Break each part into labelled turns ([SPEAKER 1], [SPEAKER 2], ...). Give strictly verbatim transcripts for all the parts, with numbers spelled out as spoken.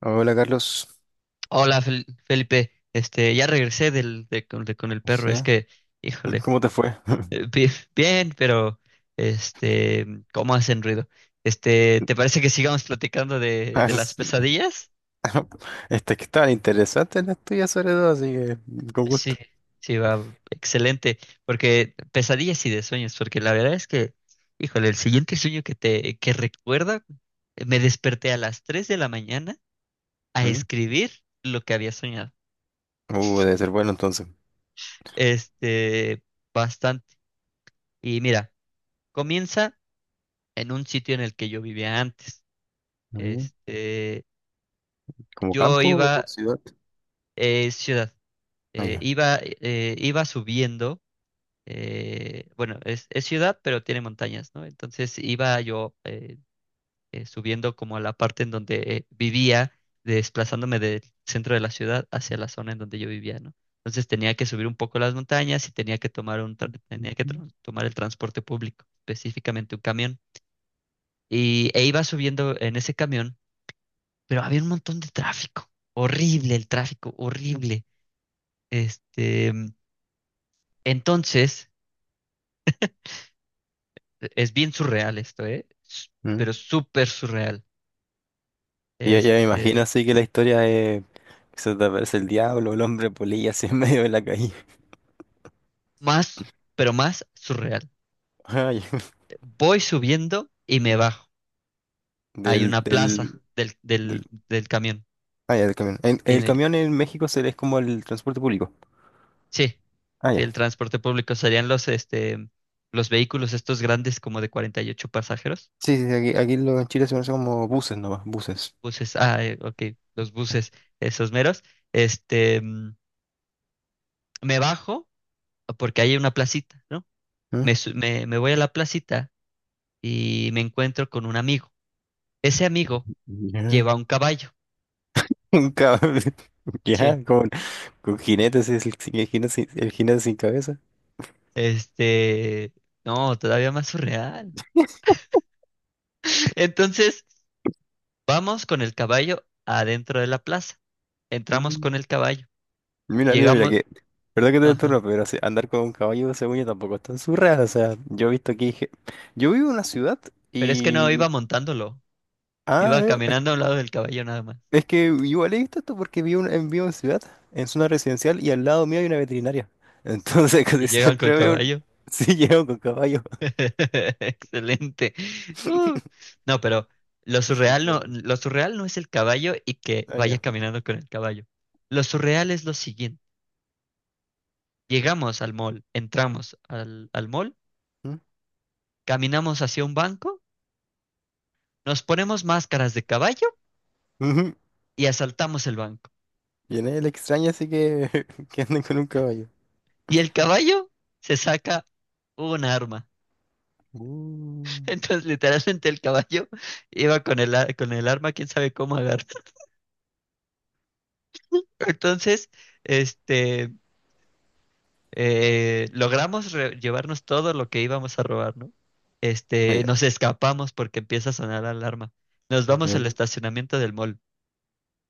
[SPEAKER 1] Hola, Carlos.
[SPEAKER 2] Hola, Fel- Felipe. Este, ya regresé del, de, con, de- con el perro.
[SPEAKER 1] Sí.
[SPEAKER 2] Es que, híjole,
[SPEAKER 1] ¿Cómo te fue?
[SPEAKER 2] eh, bi- bien, pero este, ¿cómo hacen ruido? Este, ¿te parece que sigamos platicando de, de las
[SPEAKER 1] Es...
[SPEAKER 2] pesadillas?
[SPEAKER 1] Este que estaban interesantes las tuyas, sobre todo, así que con gusto.
[SPEAKER 2] Sí, sí, va, excelente. Porque pesadillas y de sueños, porque la verdad es que, híjole, el siguiente sueño que te, que recuerda, me desperté a las tres de la mañana a
[SPEAKER 1] ¿Mm?
[SPEAKER 2] escribir lo que había soñado.
[SPEAKER 1] Uh, debe ser bueno entonces.
[SPEAKER 2] Este, Bastante. Y mira, comienza en un sitio en el que yo vivía antes.
[SPEAKER 1] Mm.
[SPEAKER 2] Este,
[SPEAKER 1] ¿Como
[SPEAKER 2] yo
[SPEAKER 1] campo o
[SPEAKER 2] iba,
[SPEAKER 1] ciudad?
[SPEAKER 2] eh, ciudad,
[SPEAKER 1] Ah,
[SPEAKER 2] eh,
[SPEAKER 1] ya.
[SPEAKER 2] iba, eh, iba subiendo, eh, bueno, es, es ciudad, pero tiene montañas, ¿no? Entonces iba yo eh, eh, subiendo como a la parte en donde eh, vivía, desplazándome del centro de la ciudad hacia la zona en donde yo vivía, ¿no? Entonces tenía que subir un poco las montañas y tenía que tomar un tra- tenía que
[SPEAKER 1] Ujú.
[SPEAKER 2] tra- tomar el transporte público, específicamente un camión. Y, e iba subiendo en ese camión, pero había un montón de tráfico. Horrible el tráfico, horrible. Este, entonces, es bien surreal esto, ¿eh? S-
[SPEAKER 1] Mm.
[SPEAKER 2] Pero súper surreal.
[SPEAKER 1] Y Ya, ya me imagino,
[SPEAKER 2] Este,
[SPEAKER 1] así que la historia es que se te aparece el diablo, el hombre polilla así en medio de la calle.
[SPEAKER 2] más, pero más surreal.
[SPEAKER 1] Ah, ya.
[SPEAKER 2] Voy subiendo y me bajo. Hay
[SPEAKER 1] Del,
[SPEAKER 2] una
[SPEAKER 1] del,
[SPEAKER 2] plaza del,
[SPEAKER 1] del,
[SPEAKER 2] del, del camión.
[SPEAKER 1] ah, ya, del camión. El,
[SPEAKER 2] Y
[SPEAKER 1] el
[SPEAKER 2] me-
[SPEAKER 1] camión en México se es como el transporte público.
[SPEAKER 2] sí,
[SPEAKER 1] Ah,
[SPEAKER 2] sí,
[SPEAKER 1] ya.
[SPEAKER 2] el transporte público serían los, este, los vehículos estos grandes como de cuarenta y ocho pasajeros.
[SPEAKER 1] Sí, sí, sí, aquí, aquí lo, en Chile se conoce como buses nomás, buses.
[SPEAKER 2] Buses, ah, eh, ok, los buses, esos meros. Este, mm, Me bajo porque hay una placita, ¿no?
[SPEAKER 1] ¿Mm?
[SPEAKER 2] Me, su- me, me voy a la placita y me encuentro con un amigo. Ese amigo
[SPEAKER 1] Ya,
[SPEAKER 2] lleva un caballo.
[SPEAKER 1] un cabrón.
[SPEAKER 2] Sí.
[SPEAKER 1] Ya, con, con jinetes, es el, sin- el jinete sin, el jinete sin cabeza.
[SPEAKER 2] Este, no, todavía más surreal. Entonces, vamos con el caballo adentro de la plaza. Entramos con
[SPEAKER 1] Mm.
[SPEAKER 2] el caballo.
[SPEAKER 1] Mira, mira, mira,
[SPEAKER 2] Llegamos,
[SPEAKER 1] que... Verdad que te
[SPEAKER 2] ajá.
[SPEAKER 1] turno, pero así, andar con un caballo, según yo, tampoco es tan surreal. O sea, yo he visto aquí. Ge- Yo vivo en una ciudad
[SPEAKER 2] Pero es que no
[SPEAKER 1] y...
[SPEAKER 2] iba montándolo,
[SPEAKER 1] Ah,
[SPEAKER 2] iba
[SPEAKER 1] no, es,
[SPEAKER 2] caminando a un lado del caballo nada más.
[SPEAKER 1] es que igual he visto esto porque vivo en, vivo en ciudad, en zona residencial y al lado mío hay una veterinaria. Entonces
[SPEAKER 2] Y
[SPEAKER 1] casi
[SPEAKER 2] llegan con el
[SPEAKER 1] siempre veo.
[SPEAKER 2] caballo.
[SPEAKER 1] Sí, llevo con caballo.
[SPEAKER 2] Excelente. Uh, no, pero lo
[SPEAKER 1] Ya,
[SPEAKER 2] surreal no,
[SPEAKER 1] ya.
[SPEAKER 2] lo surreal no es el caballo y que
[SPEAKER 1] Ah,
[SPEAKER 2] vaya
[SPEAKER 1] ya.
[SPEAKER 2] caminando con el caballo. Lo surreal es lo siguiente. Llegamos al mall, entramos al, al mall,
[SPEAKER 1] ¿Mm?
[SPEAKER 2] caminamos hacia un banco, nos ponemos máscaras de caballo
[SPEAKER 1] Ujú.
[SPEAKER 2] y asaltamos el banco.
[SPEAKER 1] Y en él extraña así que, que anden con un caballo.
[SPEAKER 2] Y el caballo se saca un arma.
[SPEAKER 1] Uh.
[SPEAKER 2] Entonces, literalmente el caballo iba con el, a- con el arma, quién sabe cómo agarrar. Entonces, este... eh, logramos re- llevarnos todo lo que íbamos a robar, ¿no? Este,
[SPEAKER 1] Vaya,
[SPEAKER 2] nos escapamos porque empieza a sonar la alarma. Nos vamos al
[SPEAKER 1] claro.
[SPEAKER 2] estacionamiento del mall.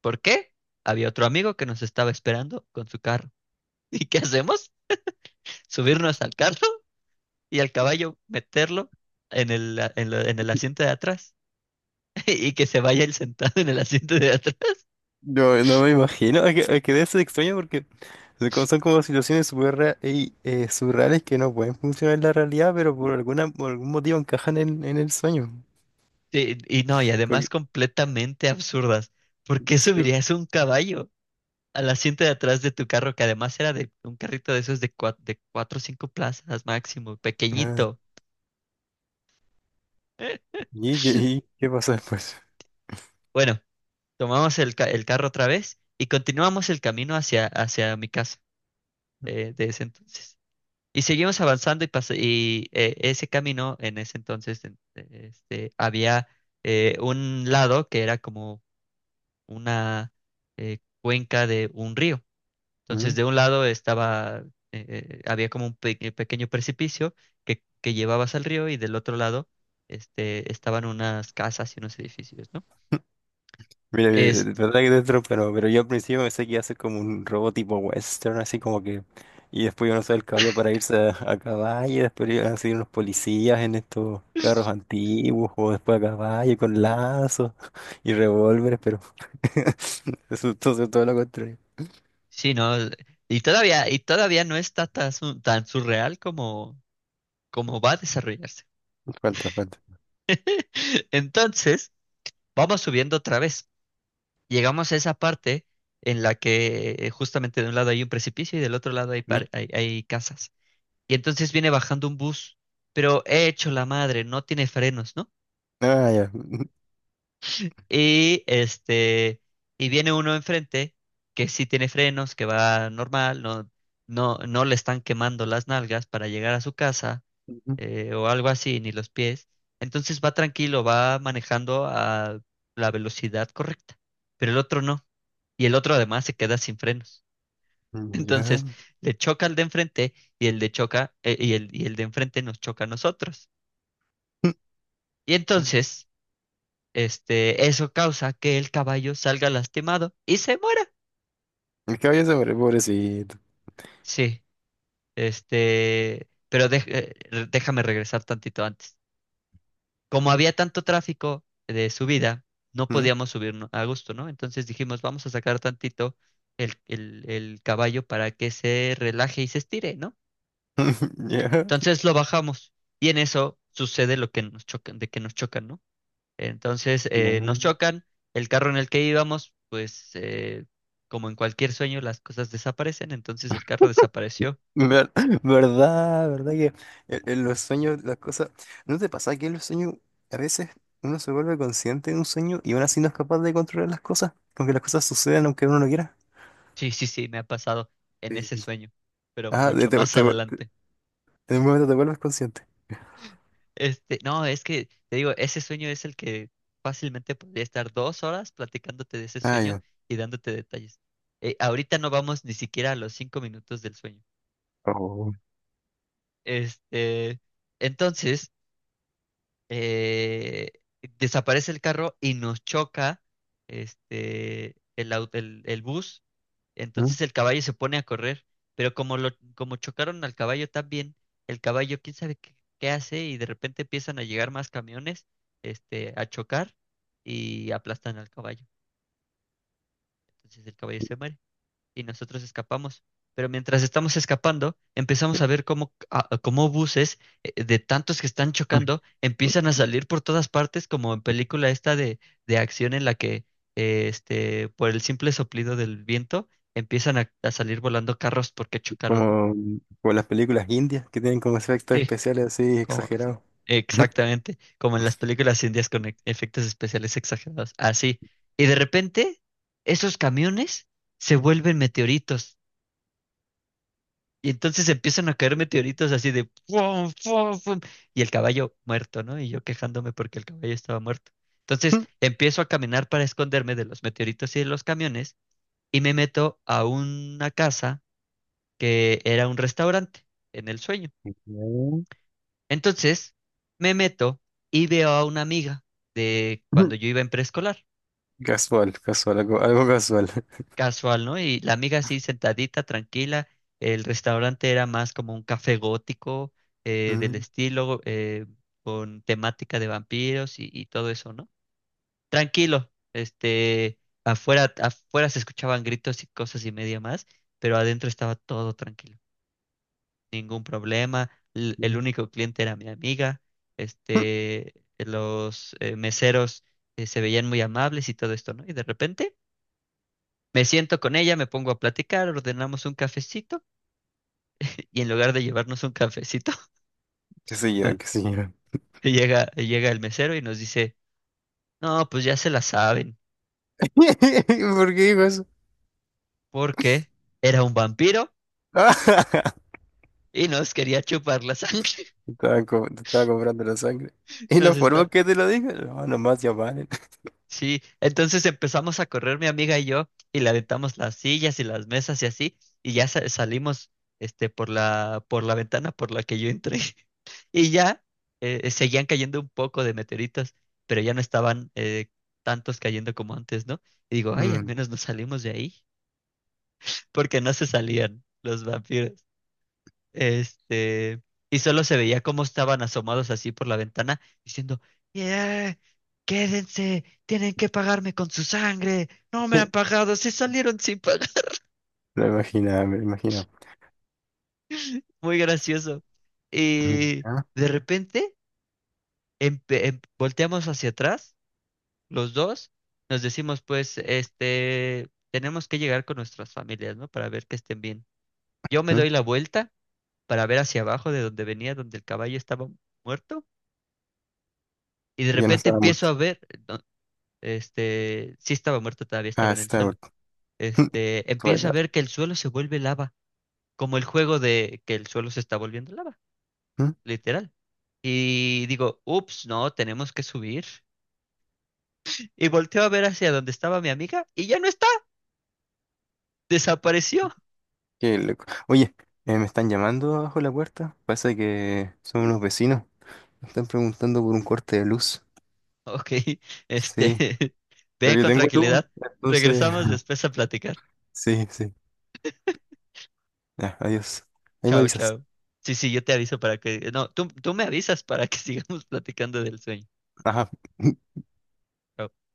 [SPEAKER 2] ¿Por qué? Había otro amigo que nos estaba esperando con su carro. ¿Y qué hacemos? Subirnos al carro y al caballo meterlo en el, a- en la- en el asiento de atrás y que se vaya él sentado en el asiento de atrás.
[SPEAKER 1] Yo no me imagino, es que, es que debe ser extraño porque son como, son como situaciones súper ra- y, eh, surreales, que no pueden funcionar en la realidad, pero por alguna, por algún motivo encajan en, en el sueño.
[SPEAKER 2] Sí, y no, y
[SPEAKER 1] Como
[SPEAKER 2] además
[SPEAKER 1] que...
[SPEAKER 2] completamente absurdas. ¿Por qué
[SPEAKER 1] sí.
[SPEAKER 2] subirías un caballo al asiento de atrás de tu carro, que además era de un carrito de esos de, cua- de cuatro o cinco plazas máximo,
[SPEAKER 1] Ah,
[SPEAKER 2] pequeñito?
[SPEAKER 1] ¿y qué, y qué pasó después?
[SPEAKER 2] Bueno, tomamos el, ca- el carro otra vez y continuamos el camino hacia, hacia mi casa eh, de ese entonces. Y seguimos avanzando y, pas- y eh, ese camino en ese entonces en- eh, este, había eh, un lado que era como una eh, cuenca de un río. Entonces, de un lado estaba, eh, eh, había como un pe- pequeño precipicio que, que llevabas al río y del otro lado este, estaban unas casas y unos edificios, ¿no?
[SPEAKER 1] Mira, mira, de
[SPEAKER 2] Este,
[SPEAKER 1] verdad que dentro, pero, pero yo al principio pensé que iba a ser como un robot tipo western, así como que... Y después iban a usar el caballo para irse a, a caballo, y después iban a seguir unos policías en estos carros antiguos, o después a caballo con lazos y revólveres, pero... Eso, entonces, todo lo contrario.
[SPEAKER 2] sí, ¿no? El- Y todavía, y todavía no está tan, su- tan surreal como como va a desarrollarse.
[SPEAKER 1] Falta, falta.
[SPEAKER 2] Entonces, vamos subiendo otra vez. Llegamos a esa parte en la que, eh, justamente de un lado hay un precipicio y del otro lado hay,
[SPEAKER 1] ¿Mm?
[SPEAKER 2] par- hay, hay casas. Y entonces viene bajando un bus, pero he hecho la madre, no tiene frenos, ¿no?
[SPEAKER 1] Ah, ya.
[SPEAKER 2] Y este, y viene uno enfrente que sí tiene frenos, que va normal, no, no, no le están quemando las nalgas para llegar a su casa,
[SPEAKER 1] Ujú.
[SPEAKER 2] eh, o algo así, ni los pies. Entonces va tranquilo, va manejando a la velocidad correcta, pero el otro no. Y el otro además se queda sin frenos.
[SPEAKER 1] Ya.
[SPEAKER 2] Entonces le choca al de enfrente y el de choca, eh, y el, y el de enfrente nos choca a nosotros. Y entonces, este, eso causa que el caballo salga lastimado y se muera.
[SPEAKER 1] El caballo se muere, pobrecito.
[SPEAKER 2] Sí, este, pero dej- eh, re- déjame regresar tantito antes. Como había tanto tráfico de subida, no
[SPEAKER 1] ¿Mm?
[SPEAKER 2] podíamos subir no- a gusto, ¿no? Entonces dijimos, vamos a sacar tantito el, el, el caballo para que se relaje y se estire, ¿no?
[SPEAKER 1] Ya.
[SPEAKER 2] Entonces lo bajamos y en eso sucede lo que nos chocan, de que nos chocan, ¿no? Entonces eh,
[SPEAKER 1] Ya.
[SPEAKER 2] nos chocan, el carro en el que íbamos, pues eh, como en cualquier sueño, las cosas desaparecen, entonces el carro desapareció.
[SPEAKER 1] Ver- verdad, verdad que en, en los sueños las cosas... ¿No te pasa que en los sueños a veces uno se vuelve consciente de un sueño y aún así no es capaz de controlar las cosas? Aunque las cosas sucedan, aunque uno no quiera.
[SPEAKER 2] Sí, sí, sí, me ha pasado en ese
[SPEAKER 1] Sí.
[SPEAKER 2] sueño, pero
[SPEAKER 1] Ah, de-
[SPEAKER 2] mucho
[SPEAKER 1] te-
[SPEAKER 2] más
[SPEAKER 1] te- te-
[SPEAKER 2] adelante.
[SPEAKER 1] en un momento te vuelves consciente.
[SPEAKER 2] Este, no, es que te digo, ese sueño es el que fácilmente podría estar dos horas platicándote de ese
[SPEAKER 1] Ah,
[SPEAKER 2] sueño
[SPEAKER 1] ya.
[SPEAKER 2] y dándote detalles. Eh, ahorita no vamos ni siquiera a los cinco minutos del sueño.
[SPEAKER 1] Oh.
[SPEAKER 2] Este, entonces, eh, Desaparece el carro y nos choca este, el, au- el, el bus.
[SPEAKER 1] ¿Mm?
[SPEAKER 2] Entonces el caballo se pone a correr, pero como lo, como chocaron al caballo también, el caballo quién sabe qué, qué hace y de repente empiezan a llegar más camiones, este, a chocar y aplastan al caballo. Entonces el caballo se muere y nosotros escapamos. Pero mientras estamos escapando, empezamos a ver cómo, a- a cómo buses, eh, de tantos que están chocando, empiezan a salir por todas partes, como en película esta de, de acción en la que eh, este, por el simple soplido del viento empiezan a, a salir volando carros porque chocaron, ¿no?
[SPEAKER 1] Como, como las películas indias, que tienen como efectos
[SPEAKER 2] Sí,
[SPEAKER 1] especiales así
[SPEAKER 2] como,
[SPEAKER 1] exagerados.
[SPEAKER 2] exactamente, como en las películas indias con e- efectos especiales exagerados. Así. Y de repente, esos camiones se vuelven meteoritos. Y entonces empiezan a caer meteoritos así de ¡fum, fum, fum! Y el caballo muerto, ¿no? Y yo quejándome porque el caballo estaba muerto. Entonces empiezo a caminar para esconderme de los meteoritos y de los camiones y me meto a una casa que era un restaurante en el sueño.
[SPEAKER 1] Mm.
[SPEAKER 2] Entonces me meto y veo a una amiga de cuando yo iba en preescolar.
[SPEAKER 1] Casual, casual, algo, algo casual.
[SPEAKER 2] Casual, ¿no? Y la amiga así sentadita, tranquila. El restaurante era más como un café gótico eh, del
[SPEAKER 1] Mm.
[SPEAKER 2] estilo, eh, con temática de vampiros y, y todo eso, ¿no? Tranquilo, este, afuera, afuera se escuchaban gritos y cosas y media más, pero adentro estaba todo tranquilo, ningún problema. l- El
[SPEAKER 1] Mm.
[SPEAKER 2] único cliente era mi amiga, este, los eh, meseros eh, se veían muy amables y todo esto, ¿no? Y de repente me siento con ella, me pongo a platicar, ordenamos un cafecito y en lugar de llevarnos un cafecito,
[SPEAKER 1] Qué sé
[SPEAKER 2] no,
[SPEAKER 1] yo, qué sé yo.
[SPEAKER 2] llega, llega el mesero y nos dice, no, pues ya se la saben,
[SPEAKER 1] ¿Por qué dijo eso?
[SPEAKER 2] porque era un vampiro y nos quería chupar la sangre.
[SPEAKER 1] Te estaban co- te estaba comprando la sangre. ¿Y
[SPEAKER 2] Nos
[SPEAKER 1] la
[SPEAKER 2] está...
[SPEAKER 1] forma que te lo dijo? No, nomás ya valen.
[SPEAKER 2] Sí, entonces empezamos a correr mi amiga y yo y le aventamos las sillas y las mesas y así y ya sa- salimos este, por la, por la ventana por la que yo entré. Y ya eh, eh, seguían cayendo un poco de meteoritos, pero ya no estaban eh, tantos cayendo como antes, ¿no? Y digo, ay, al
[SPEAKER 1] Mm.
[SPEAKER 2] menos nos salimos de ahí, porque no se salían los vampiros. Este, y solo se veía cómo estaban asomados así por la ventana, diciendo, "Yeah, quédense, tienen que pagarme con su sangre, no me han pagado, se salieron sin pagar."
[SPEAKER 1] Lo imaginaba, me lo imaginaba.
[SPEAKER 2] Muy gracioso.
[SPEAKER 1] Mm.
[SPEAKER 2] Y
[SPEAKER 1] Ah,
[SPEAKER 2] de repente empe- em- volteamos hacia atrás los dos, nos decimos, pues, este, tenemos que llegar con nuestras familias, ¿no? Para ver que estén bien. Yo me
[SPEAKER 1] mm.
[SPEAKER 2] doy la vuelta para ver hacia abajo de donde venía, donde el caballo estaba muerto, y de
[SPEAKER 1] Ya no
[SPEAKER 2] repente
[SPEAKER 1] estaba
[SPEAKER 2] empiezo
[SPEAKER 1] muerto.
[SPEAKER 2] a ver, no, este, sí estaba muerto, todavía estaba
[SPEAKER 1] Ah,
[SPEAKER 2] en
[SPEAKER 1] sí
[SPEAKER 2] el
[SPEAKER 1] estaba
[SPEAKER 2] suelo.
[SPEAKER 1] muerto.
[SPEAKER 2] Este,
[SPEAKER 1] Joder,
[SPEAKER 2] empiezo a
[SPEAKER 1] no.
[SPEAKER 2] ver que el suelo se vuelve lava, como el juego de que el suelo se está volviendo lava,
[SPEAKER 1] Mm.
[SPEAKER 2] literal. Y digo, ups, no, tenemos que subir. Y volteo a ver hacia donde estaba mi amiga y ya no está, desapareció.
[SPEAKER 1] Qué loco. Oye, eh, me están llamando abajo de la puerta. Pasa que son unos vecinos. Me están preguntando por un corte de luz.
[SPEAKER 2] Ok, este,
[SPEAKER 1] Sí, pero
[SPEAKER 2] ve
[SPEAKER 1] yo
[SPEAKER 2] con
[SPEAKER 1] tengo luz,
[SPEAKER 2] tranquilidad.
[SPEAKER 1] entonces...
[SPEAKER 2] Regresamos después a platicar.
[SPEAKER 1] Sí, sí. Ya, adiós. Ahí me
[SPEAKER 2] Chao,
[SPEAKER 1] avisas.
[SPEAKER 2] chao. Sí, sí, yo te aviso para que, no, tú, tú me avisas para que sigamos platicando del sueño.
[SPEAKER 1] Ajá.
[SPEAKER 2] Chao.